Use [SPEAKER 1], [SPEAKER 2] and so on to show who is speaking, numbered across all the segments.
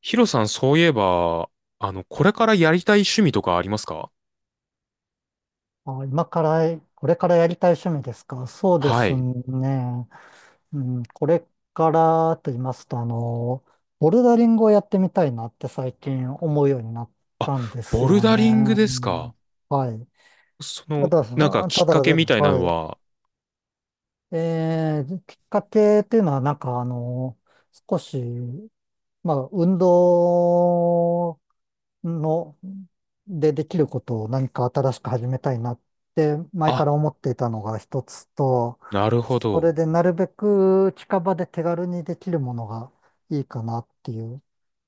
[SPEAKER 1] ヒロさん、そういえば、これからやりたい趣味とかありますか？
[SPEAKER 2] あ、今から、これからやりたい趣味ですか。そうで
[SPEAKER 1] は
[SPEAKER 2] す
[SPEAKER 1] い。
[SPEAKER 2] ね。うん、これからと言いますと、ボルダリングをやってみたいなって最近思うようになっ
[SPEAKER 1] あ、
[SPEAKER 2] たんです
[SPEAKER 1] ボル
[SPEAKER 2] よ
[SPEAKER 1] ダ
[SPEAKER 2] ね。う
[SPEAKER 1] リングですか。
[SPEAKER 2] ん、はい。
[SPEAKER 1] そ
[SPEAKER 2] た
[SPEAKER 1] の、
[SPEAKER 2] だ、そ
[SPEAKER 1] きっ
[SPEAKER 2] ただ、
[SPEAKER 1] かけみたいなの
[SPEAKER 2] は
[SPEAKER 1] は、
[SPEAKER 2] い。きっかけっていうのは、なんか少し、まあ、運動の、でできることを何か新しく始めたいなって前か
[SPEAKER 1] あ、
[SPEAKER 2] ら思っていたのが一つと、
[SPEAKER 1] なるほ
[SPEAKER 2] それ
[SPEAKER 1] ど。
[SPEAKER 2] でなるべく近場で手軽にできるものがいいかなっていう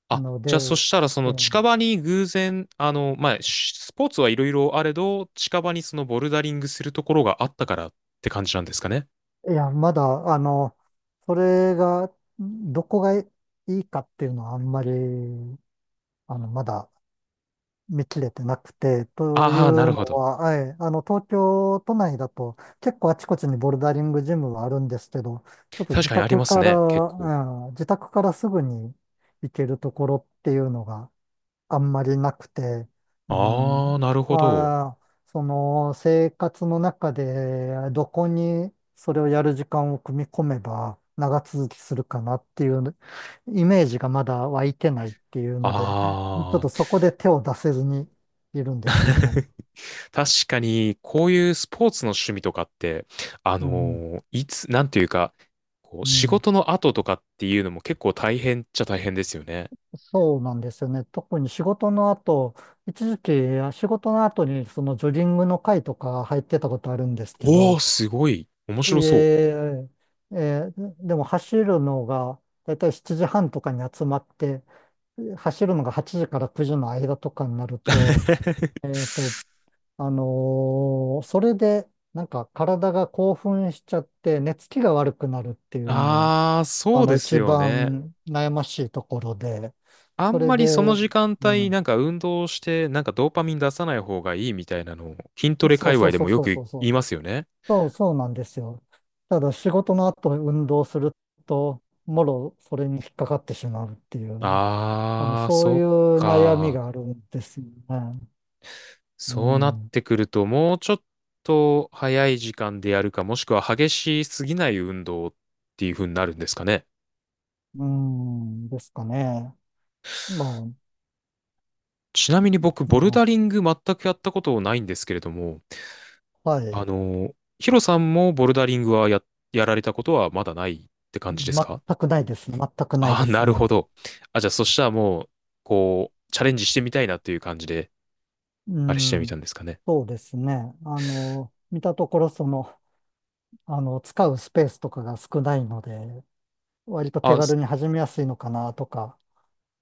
[SPEAKER 1] あ、
[SPEAKER 2] ので、
[SPEAKER 1] じゃあそしたらそ
[SPEAKER 2] え
[SPEAKER 1] の近場に偶然、スポーツはいろいろあれど、近場にそのボルダリングするところがあったからって感じなんですかね。
[SPEAKER 2] え、いや、まだ、あの、それが、どこがいいかっていうのはあんまり、まだ見切れてなくて、とい
[SPEAKER 1] ああ、な
[SPEAKER 2] う
[SPEAKER 1] るほ
[SPEAKER 2] の
[SPEAKER 1] ど。
[SPEAKER 2] は、はい、東京都内だと結構あちこちにボルダリングジムはあるんですけど、ちょっと
[SPEAKER 1] 確
[SPEAKER 2] 自
[SPEAKER 1] かにあり
[SPEAKER 2] 宅
[SPEAKER 1] ます
[SPEAKER 2] から、
[SPEAKER 1] ね、結構。
[SPEAKER 2] うん、自宅からすぐに行けるところっていうのが、あんまりなくて、うん、
[SPEAKER 1] ああ、なるほど。
[SPEAKER 2] まあ、その生活の中でどこにそれをやる時間を組み込めば長続きするかなっていうイメージがまだ湧いてないっていうので、ちょっ
[SPEAKER 1] あ
[SPEAKER 2] と
[SPEAKER 1] あ。
[SPEAKER 2] そこで手を出せずにいるんですよね。
[SPEAKER 1] 確かに、こういうスポーツの趣味とかって、
[SPEAKER 2] うん、
[SPEAKER 1] いつ、なんていうか、こう、
[SPEAKER 2] う
[SPEAKER 1] 仕
[SPEAKER 2] ん、
[SPEAKER 1] 事の後とかっていうのも結構大変っちゃ大変ですよね。
[SPEAKER 2] そうなんですよね。特に仕事の後、一時期仕事の後にそのジョギングの会とか入ってたことあるんですけ
[SPEAKER 1] おー、
[SPEAKER 2] ど、
[SPEAKER 1] すごい。面
[SPEAKER 2] え
[SPEAKER 1] 白そう。
[SPEAKER 2] ええーでも走るのが、だいたい7時半とかに集まって、走るのが8時から9時の間とかになると、えっと、それで、なんか体が興奮しちゃって、寝つきが悪くなるっていうのが、
[SPEAKER 1] ああ、そうです
[SPEAKER 2] 一
[SPEAKER 1] よね。
[SPEAKER 2] 番悩ましいところで、
[SPEAKER 1] あ
[SPEAKER 2] そ
[SPEAKER 1] ん
[SPEAKER 2] れ
[SPEAKER 1] まりその
[SPEAKER 2] で、
[SPEAKER 1] 時間
[SPEAKER 2] う
[SPEAKER 1] 帯、
[SPEAKER 2] ん、
[SPEAKER 1] なんか運動して、なんかドーパミン出さない方がいいみたいなのを、筋トレ
[SPEAKER 2] そう
[SPEAKER 1] 界
[SPEAKER 2] そ
[SPEAKER 1] 隈
[SPEAKER 2] う
[SPEAKER 1] で
[SPEAKER 2] そ
[SPEAKER 1] も
[SPEAKER 2] う
[SPEAKER 1] よ
[SPEAKER 2] そう
[SPEAKER 1] く
[SPEAKER 2] そうそ
[SPEAKER 1] 言い
[SPEAKER 2] う、
[SPEAKER 1] ますよね。
[SPEAKER 2] そう、そうなんですよ。ただ仕事の後運動すると、もろそれに引っかかってしまうっていう、
[SPEAKER 1] ああ、
[SPEAKER 2] そう
[SPEAKER 1] そ
[SPEAKER 2] い
[SPEAKER 1] っ
[SPEAKER 2] う悩み
[SPEAKER 1] か。
[SPEAKER 2] があるんですよね。う
[SPEAKER 1] そうなっ
[SPEAKER 2] ん。
[SPEAKER 1] てくると、もうちょっと早い時間でやるか、もしくは激しすぎない運動っていう風になるんですかね。
[SPEAKER 2] うん、ですかね。ま
[SPEAKER 1] ちなみに僕、
[SPEAKER 2] あ、
[SPEAKER 1] ボルダ
[SPEAKER 2] ま
[SPEAKER 1] リング全くやったことないんですけれども、
[SPEAKER 2] あ、は
[SPEAKER 1] あ
[SPEAKER 2] い。
[SPEAKER 1] の、ヒロさんもボルダリングはやられたことはまだないって感じですか？
[SPEAKER 2] 全くないですね。全くない
[SPEAKER 1] ああ
[SPEAKER 2] で
[SPEAKER 1] ー、
[SPEAKER 2] す
[SPEAKER 1] なるほ
[SPEAKER 2] ね。
[SPEAKER 1] ど。あ、じゃあそしたらもう、こう、チャレンジしてみたいなっていう感じで、
[SPEAKER 2] う
[SPEAKER 1] あれしてみた
[SPEAKER 2] ん。
[SPEAKER 1] んですかね。
[SPEAKER 2] そうですね。見たところ、その、使うスペースとかが少ないので、割と手
[SPEAKER 1] あ、
[SPEAKER 2] 軽
[SPEAKER 1] す
[SPEAKER 2] に始めやすいのかなとか、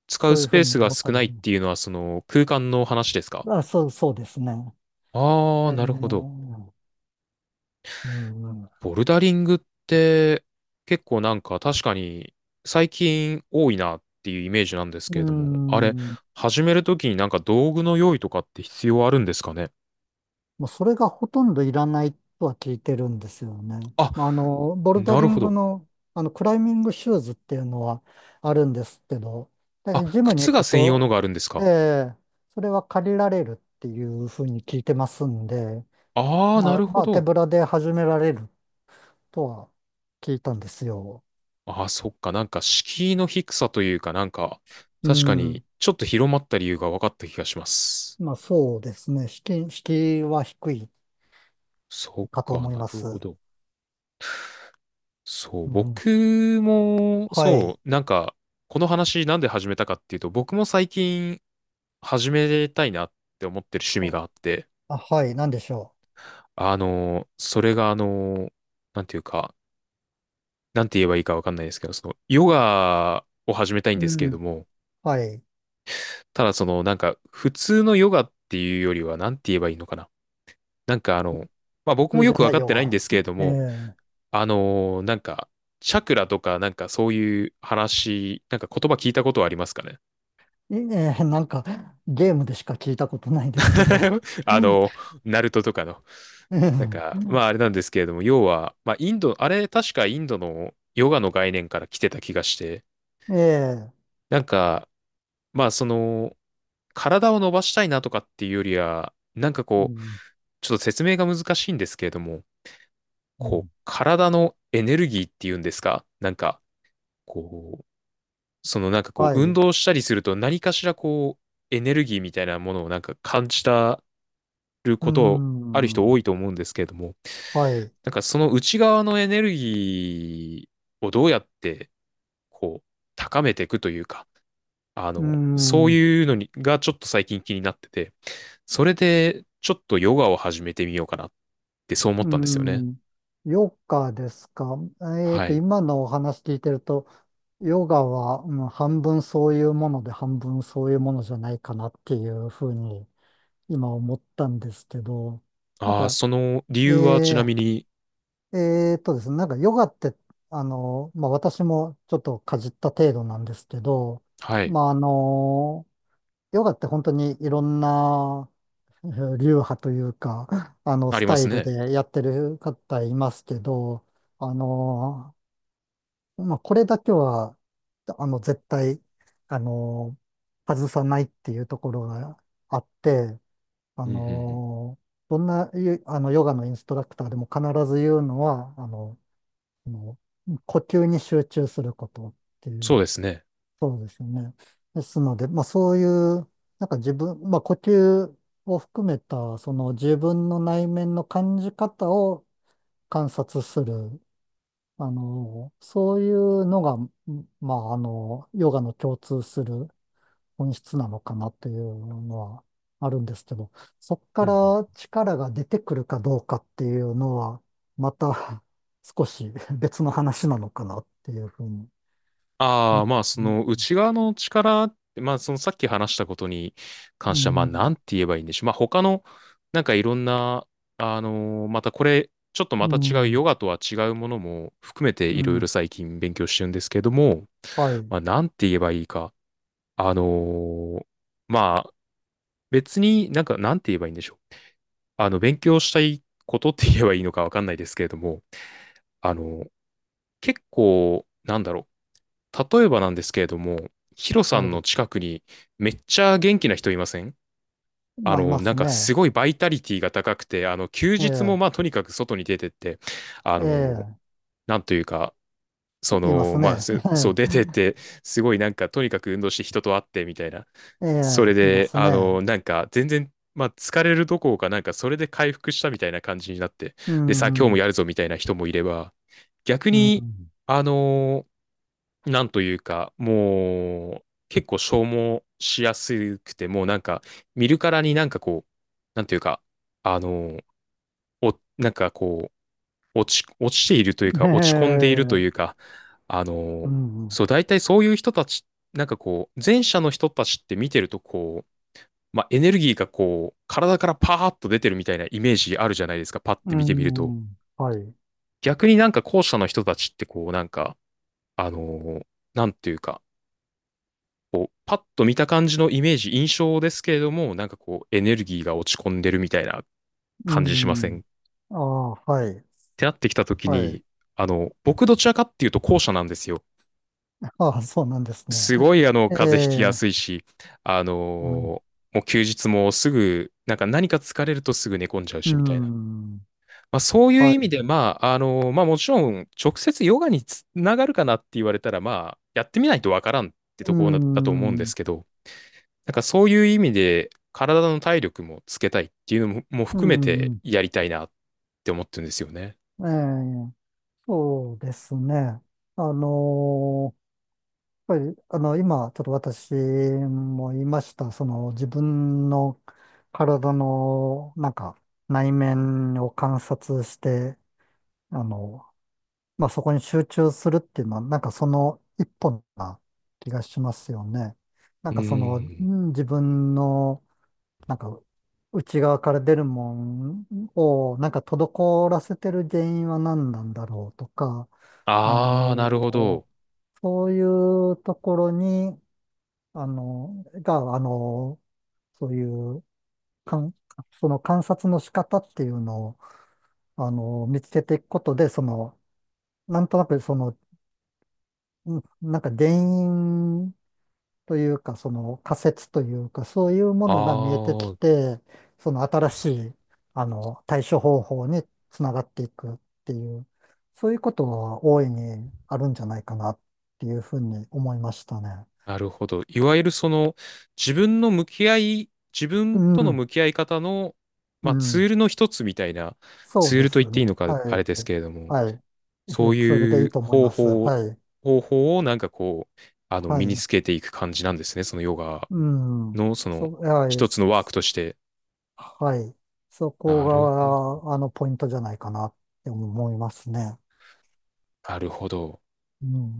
[SPEAKER 1] 使う
[SPEAKER 2] そういう
[SPEAKER 1] ス
[SPEAKER 2] ふ
[SPEAKER 1] ペ
[SPEAKER 2] う
[SPEAKER 1] ー
[SPEAKER 2] に
[SPEAKER 1] スが
[SPEAKER 2] 思った
[SPEAKER 1] 少
[SPEAKER 2] り、
[SPEAKER 1] ないっていうのは、その空間の話ですか？
[SPEAKER 2] まあ、そう、そうですね。
[SPEAKER 1] ああー、
[SPEAKER 2] え
[SPEAKER 1] なるほど。
[SPEAKER 2] ー、うん、うん。
[SPEAKER 1] ボルダリングって結構なんか確かに最近多いなっていうイメージなんですけ
[SPEAKER 2] う
[SPEAKER 1] れども、あれ、
[SPEAKER 2] ん、
[SPEAKER 1] 始めるときになんか道具の用意とかって必要あるんですかね？
[SPEAKER 2] まあ、それがほとんどいらないとは聞いてるんですよね。
[SPEAKER 1] あ、
[SPEAKER 2] まあ、ボルダ
[SPEAKER 1] な
[SPEAKER 2] リ
[SPEAKER 1] るほ
[SPEAKER 2] ング
[SPEAKER 1] ど。
[SPEAKER 2] の、クライミングシューズっていうのはあるんですけど、だか
[SPEAKER 1] あ、
[SPEAKER 2] らジムに
[SPEAKER 1] 靴
[SPEAKER 2] 行
[SPEAKER 1] が
[SPEAKER 2] く
[SPEAKER 1] 専用の
[SPEAKER 2] と、
[SPEAKER 1] があるんです
[SPEAKER 2] え
[SPEAKER 1] か？
[SPEAKER 2] え、それは借りられるっていうふうに聞いてますんで、
[SPEAKER 1] ああー、な
[SPEAKER 2] まあ、
[SPEAKER 1] るほ
[SPEAKER 2] まあ、手
[SPEAKER 1] ど。
[SPEAKER 2] ぶらで始められるとは聞いたんですよ。
[SPEAKER 1] ああ、そっか。なんか敷居の低さというかなんか、
[SPEAKER 2] う
[SPEAKER 1] 確かに
[SPEAKER 2] ん。
[SPEAKER 1] ちょっと広まった理由が分かった気がします。
[SPEAKER 2] まあ、そうですね。敷居は低い
[SPEAKER 1] そっ
[SPEAKER 2] かと
[SPEAKER 1] か、
[SPEAKER 2] 思い
[SPEAKER 1] な
[SPEAKER 2] ま
[SPEAKER 1] るほ
[SPEAKER 2] す。
[SPEAKER 1] ど。そう、
[SPEAKER 2] うん、うん、
[SPEAKER 1] 僕も、
[SPEAKER 2] はい。
[SPEAKER 1] そう、なんか、この話なんで始めたかっていうと、僕も最近始めたいなって思ってる趣味
[SPEAKER 2] あ、
[SPEAKER 1] があって、
[SPEAKER 2] あはい。なんでしょ
[SPEAKER 1] それがなんていうか、なんて言えばいいかわかんないですけど、その、ヨガを始めたいん
[SPEAKER 2] う。う
[SPEAKER 1] ですけれど
[SPEAKER 2] ん。
[SPEAKER 1] も、
[SPEAKER 2] はい。
[SPEAKER 1] ただその、なんか、普通のヨガっていうよりは、なんて言えばいいのかな。なんかあの、まあ僕
[SPEAKER 2] 普
[SPEAKER 1] も
[SPEAKER 2] 通
[SPEAKER 1] よ
[SPEAKER 2] じゃ
[SPEAKER 1] くわ
[SPEAKER 2] ない
[SPEAKER 1] かっ
[SPEAKER 2] ヨ
[SPEAKER 1] てないんで
[SPEAKER 2] ガ。
[SPEAKER 1] すけれども、
[SPEAKER 2] え
[SPEAKER 1] あの、なんか、チャクラとか、なんかそういう話、なんか言葉聞いたことはありますかね？
[SPEAKER 2] えいええなんか、ゲームでしか聞いたことないですけど。
[SPEAKER 1] あの、ナルトとかの。なん
[SPEAKER 2] え
[SPEAKER 1] か、ま
[SPEAKER 2] え。
[SPEAKER 1] ああれなんですけれども、要は、まあインド、あれ確かインドのヨガの概念から来てた気がして、
[SPEAKER 2] ええ、
[SPEAKER 1] なんか、まあその、体を伸ばしたいなとかっていうよりは、なんか
[SPEAKER 2] う
[SPEAKER 1] こう、
[SPEAKER 2] ん、
[SPEAKER 1] ちょっと説明が難しいんですけれども、
[SPEAKER 2] う
[SPEAKER 1] こ
[SPEAKER 2] ん、
[SPEAKER 1] う、体のエネルギーっていうんですかなんか、こう、なんかこ
[SPEAKER 2] は
[SPEAKER 1] う、運
[SPEAKER 2] い。
[SPEAKER 1] 動したりすると何かしらこう、エネルギーみたいなものをなんか感じる
[SPEAKER 2] う
[SPEAKER 1] ことある人
[SPEAKER 2] ん。
[SPEAKER 1] 多いと思うんですけれども、
[SPEAKER 2] はい。
[SPEAKER 1] なんかその内側のエネルギーをどうやってこう高めていくというか、あ
[SPEAKER 2] う
[SPEAKER 1] の、そう
[SPEAKER 2] ん。
[SPEAKER 1] いうのにがちょっと最近気になってて、それでちょっとヨガを始めてみようかなってそう思っ
[SPEAKER 2] う
[SPEAKER 1] たんですよね。
[SPEAKER 2] ん。ヨガですか。
[SPEAKER 1] はい。
[SPEAKER 2] 今のお話聞いてると、ヨガは、うん、半分そういうもので、半分そういうものじゃないかなっていうふうに今思ったんですけど、なん
[SPEAKER 1] ああ、
[SPEAKER 2] か、
[SPEAKER 1] その理由はちな
[SPEAKER 2] え
[SPEAKER 1] みに、
[SPEAKER 2] ー、ですね、なんかヨガって、まあ私もちょっとかじった程度なんですけど、
[SPEAKER 1] はい、
[SPEAKER 2] まあ、ヨガって本当にいろんな流派というか、
[SPEAKER 1] あ
[SPEAKER 2] ス
[SPEAKER 1] りま
[SPEAKER 2] タ
[SPEAKER 1] す
[SPEAKER 2] イル
[SPEAKER 1] ね。
[SPEAKER 2] でやってる方いますけど、あの、まあこれだけは、絶対、あの、外さないっていうところがあって、あ
[SPEAKER 1] うんうんうん、
[SPEAKER 2] のーどんなゆあのヨガのインストラクターでも必ず言うのは、呼吸に集中することってい
[SPEAKER 1] そ
[SPEAKER 2] う、
[SPEAKER 1] うですね。
[SPEAKER 2] そうですよね。ですので、まあそういう、なんか自分、まあ呼吸を含めた、その自分の内面の感じ方を観察する、そういうのが、まあ、ヨガの共通する本質なのかなっていうのはあるんですけど、そこ
[SPEAKER 1] う
[SPEAKER 2] か
[SPEAKER 1] んうん、
[SPEAKER 2] ら力が出てくるかどうかっていうのは、また 少し別の話なのかなっていうふうに。う
[SPEAKER 1] ああ、まあ、そ
[SPEAKER 2] ん、
[SPEAKER 1] の
[SPEAKER 2] う
[SPEAKER 1] 内側の力って、まあ、そのさっき話したことに関しては、まあ、な
[SPEAKER 2] ん、
[SPEAKER 1] んて言えばいいんでしょう。まあ、他の、なんかいろんな、またこれ、ちょっと
[SPEAKER 2] う
[SPEAKER 1] また違うヨ
[SPEAKER 2] ん、
[SPEAKER 1] ガとは違うものも含めて
[SPEAKER 2] う
[SPEAKER 1] いろいろ
[SPEAKER 2] ん、
[SPEAKER 1] 最近勉強してるんですけども、
[SPEAKER 2] はい、
[SPEAKER 1] まあ、なんて言えばいいか。あのーまあ、別になんか、なんて言えばいいんでしょう。あの、勉強したいことって言えばいいのかわかんないですけれども、あの結構、なんだろう。例えばなんですけれども、ヒロさ
[SPEAKER 2] は
[SPEAKER 1] んの
[SPEAKER 2] い。
[SPEAKER 1] 近くにめっちゃ元気な人いません？あ
[SPEAKER 2] まあ、い
[SPEAKER 1] の、
[SPEAKER 2] ま
[SPEAKER 1] な
[SPEAKER 2] す
[SPEAKER 1] んかす
[SPEAKER 2] ね。
[SPEAKER 1] ごいバイタリティが高くて、あの、休
[SPEAKER 2] え
[SPEAKER 1] 日も
[SPEAKER 2] え、
[SPEAKER 1] まあとにかく外に出てって、あの、
[SPEAKER 2] え
[SPEAKER 1] なんというか、そ
[SPEAKER 2] え、いま
[SPEAKER 1] の、
[SPEAKER 2] す
[SPEAKER 1] まあ、
[SPEAKER 2] ね。
[SPEAKER 1] すそう 出てって、すごいなんかとにかく運動して人と会ってみたいな、
[SPEAKER 2] ええ、え
[SPEAKER 1] それ
[SPEAKER 2] え、いま
[SPEAKER 1] で、
[SPEAKER 2] す
[SPEAKER 1] あの、
[SPEAKER 2] ね。
[SPEAKER 1] なんか、全然、まあ、疲れるどころか、なんか、それで回復したみたいな感じになって、
[SPEAKER 2] う
[SPEAKER 1] で、さあ、今日
[SPEAKER 2] ん、う
[SPEAKER 1] も
[SPEAKER 2] ん、
[SPEAKER 1] やるぞみたいな人もいれば、逆
[SPEAKER 2] う
[SPEAKER 1] に、
[SPEAKER 2] ん。
[SPEAKER 1] あの、なんというか、もう、結構消耗しやすくて、もうなんか、見るからになんかこう、なんというか、あの、お、なんかこう、落ち、落ちているというか、
[SPEAKER 2] え
[SPEAKER 1] 落ち込んでいるという
[SPEAKER 2] え、
[SPEAKER 1] か、あ
[SPEAKER 2] う
[SPEAKER 1] の、
[SPEAKER 2] ん、
[SPEAKER 1] そう、大体そういう人たち、なんかこう、前者の人たちって見てると、こう、まあ、エネルギーがこう、体からパーッと出てるみたいなイメージあるじゃないですか、パッ
[SPEAKER 2] う
[SPEAKER 1] て見てみると。
[SPEAKER 2] ん、はい。
[SPEAKER 1] 逆になんか後者の人たちってこう、なんか、あのーなんていうか、こう、パッと見た感じのイメージ、印象ですけれども、なんかこう、エネルギーが落ち込んでるみたいな
[SPEAKER 2] う
[SPEAKER 1] 感じしません
[SPEAKER 2] ん、
[SPEAKER 1] っ
[SPEAKER 2] ああ、はい。
[SPEAKER 1] てなってきたとき
[SPEAKER 2] はい。
[SPEAKER 1] に、あの、僕どちらかっていうと後者なんですよ。
[SPEAKER 2] ああ、そうなんですね。
[SPEAKER 1] すごいあの、
[SPEAKER 2] え
[SPEAKER 1] 風邪ひきや
[SPEAKER 2] え、
[SPEAKER 1] すいし、あの
[SPEAKER 2] うん、
[SPEAKER 1] ーもう休日もすぐ、なんか何か疲れるとすぐ寝込んじゃう
[SPEAKER 2] う
[SPEAKER 1] しみたいな。
[SPEAKER 2] ん、
[SPEAKER 1] まあ、そういう
[SPEAKER 2] は
[SPEAKER 1] 意味
[SPEAKER 2] い。
[SPEAKER 1] で、まあ、もちろん、直接ヨガにつながるかなって言われたら、まあ、やってみないとわからんって
[SPEAKER 2] う
[SPEAKER 1] ところだと思うんで
[SPEAKER 2] ん、
[SPEAKER 1] すけど、なんかそういう意味で、体の体力もつけたいっていうのも
[SPEAKER 2] う
[SPEAKER 1] 含めて
[SPEAKER 2] ん、
[SPEAKER 1] やりたいなって思ってるんですよね。
[SPEAKER 2] ええ、そうですね。あのーやっぱり、今、ちょっと私も言いました、その、自分の体の、なんか、内面を観察して、あの、まあそこに集中するっていうのは、なんかその一本な気がしますよね。な
[SPEAKER 1] う
[SPEAKER 2] んかその、
[SPEAKER 1] ー
[SPEAKER 2] う
[SPEAKER 1] ん。
[SPEAKER 2] ん、自分の、なんか内側から出るもんを、なんか滞らせてる原因は何なんだろうとか、あ
[SPEAKER 1] ああ、なるほ
[SPEAKER 2] の、
[SPEAKER 1] ど。
[SPEAKER 2] そういうところに、あの、が、あの、そういうかん、その観察の仕方っていうのを、見つけていくことで、その、なんとなくそのうんなんか原因というか、その仮説というか、そういうものが見えて
[SPEAKER 1] あ
[SPEAKER 2] き
[SPEAKER 1] あ、
[SPEAKER 2] て、その新しい、対処方法につながっていくっていう、そういうことは大いにあるんじゃないかなっていうふうに思いましたね。
[SPEAKER 1] なるほど。いわゆるその、自
[SPEAKER 2] う
[SPEAKER 1] 分との
[SPEAKER 2] ん、
[SPEAKER 1] 向き合い方の、
[SPEAKER 2] う
[SPEAKER 1] まあ、ツ
[SPEAKER 2] ん、
[SPEAKER 1] ールの一つみたいな、
[SPEAKER 2] そう
[SPEAKER 1] ツー
[SPEAKER 2] で
[SPEAKER 1] ルと言っ
[SPEAKER 2] す
[SPEAKER 1] ていい
[SPEAKER 2] ね。
[SPEAKER 1] のか、
[SPEAKER 2] は
[SPEAKER 1] あれで
[SPEAKER 2] い、
[SPEAKER 1] すけれども、
[SPEAKER 2] はい。
[SPEAKER 1] そう
[SPEAKER 2] えそれで
[SPEAKER 1] い
[SPEAKER 2] いい
[SPEAKER 1] う
[SPEAKER 2] と思い
[SPEAKER 1] 方
[SPEAKER 2] ます。
[SPEAKER 1] 法、
[SPEAKER 2] はい、
[SPEAKER 1] 方法をなんかこう、あの、
[SPEAKER 2] は
[SPEAKER 1] 身に
[SPEAKER 2] い。
[SPEAKER 1] つけていく感じなんですね。そのヨガ
[SPEAKER 2] うん、
[SPEAKER 1] の、そ
[SPEAKER 2] そ
[SPEAKER 1] の、
[SPEAKER 2] う、はい。
[SPEAKER 1] 一つのワークとして。
[SPEAKER 2] はい。そこ
[SPEAKER 1] なるほど。
[SPEAKER 2] が、ポイントじゃないかなって思いますね。
[SPEAKER 1] なるほど。
[SPEAKER 2] うん。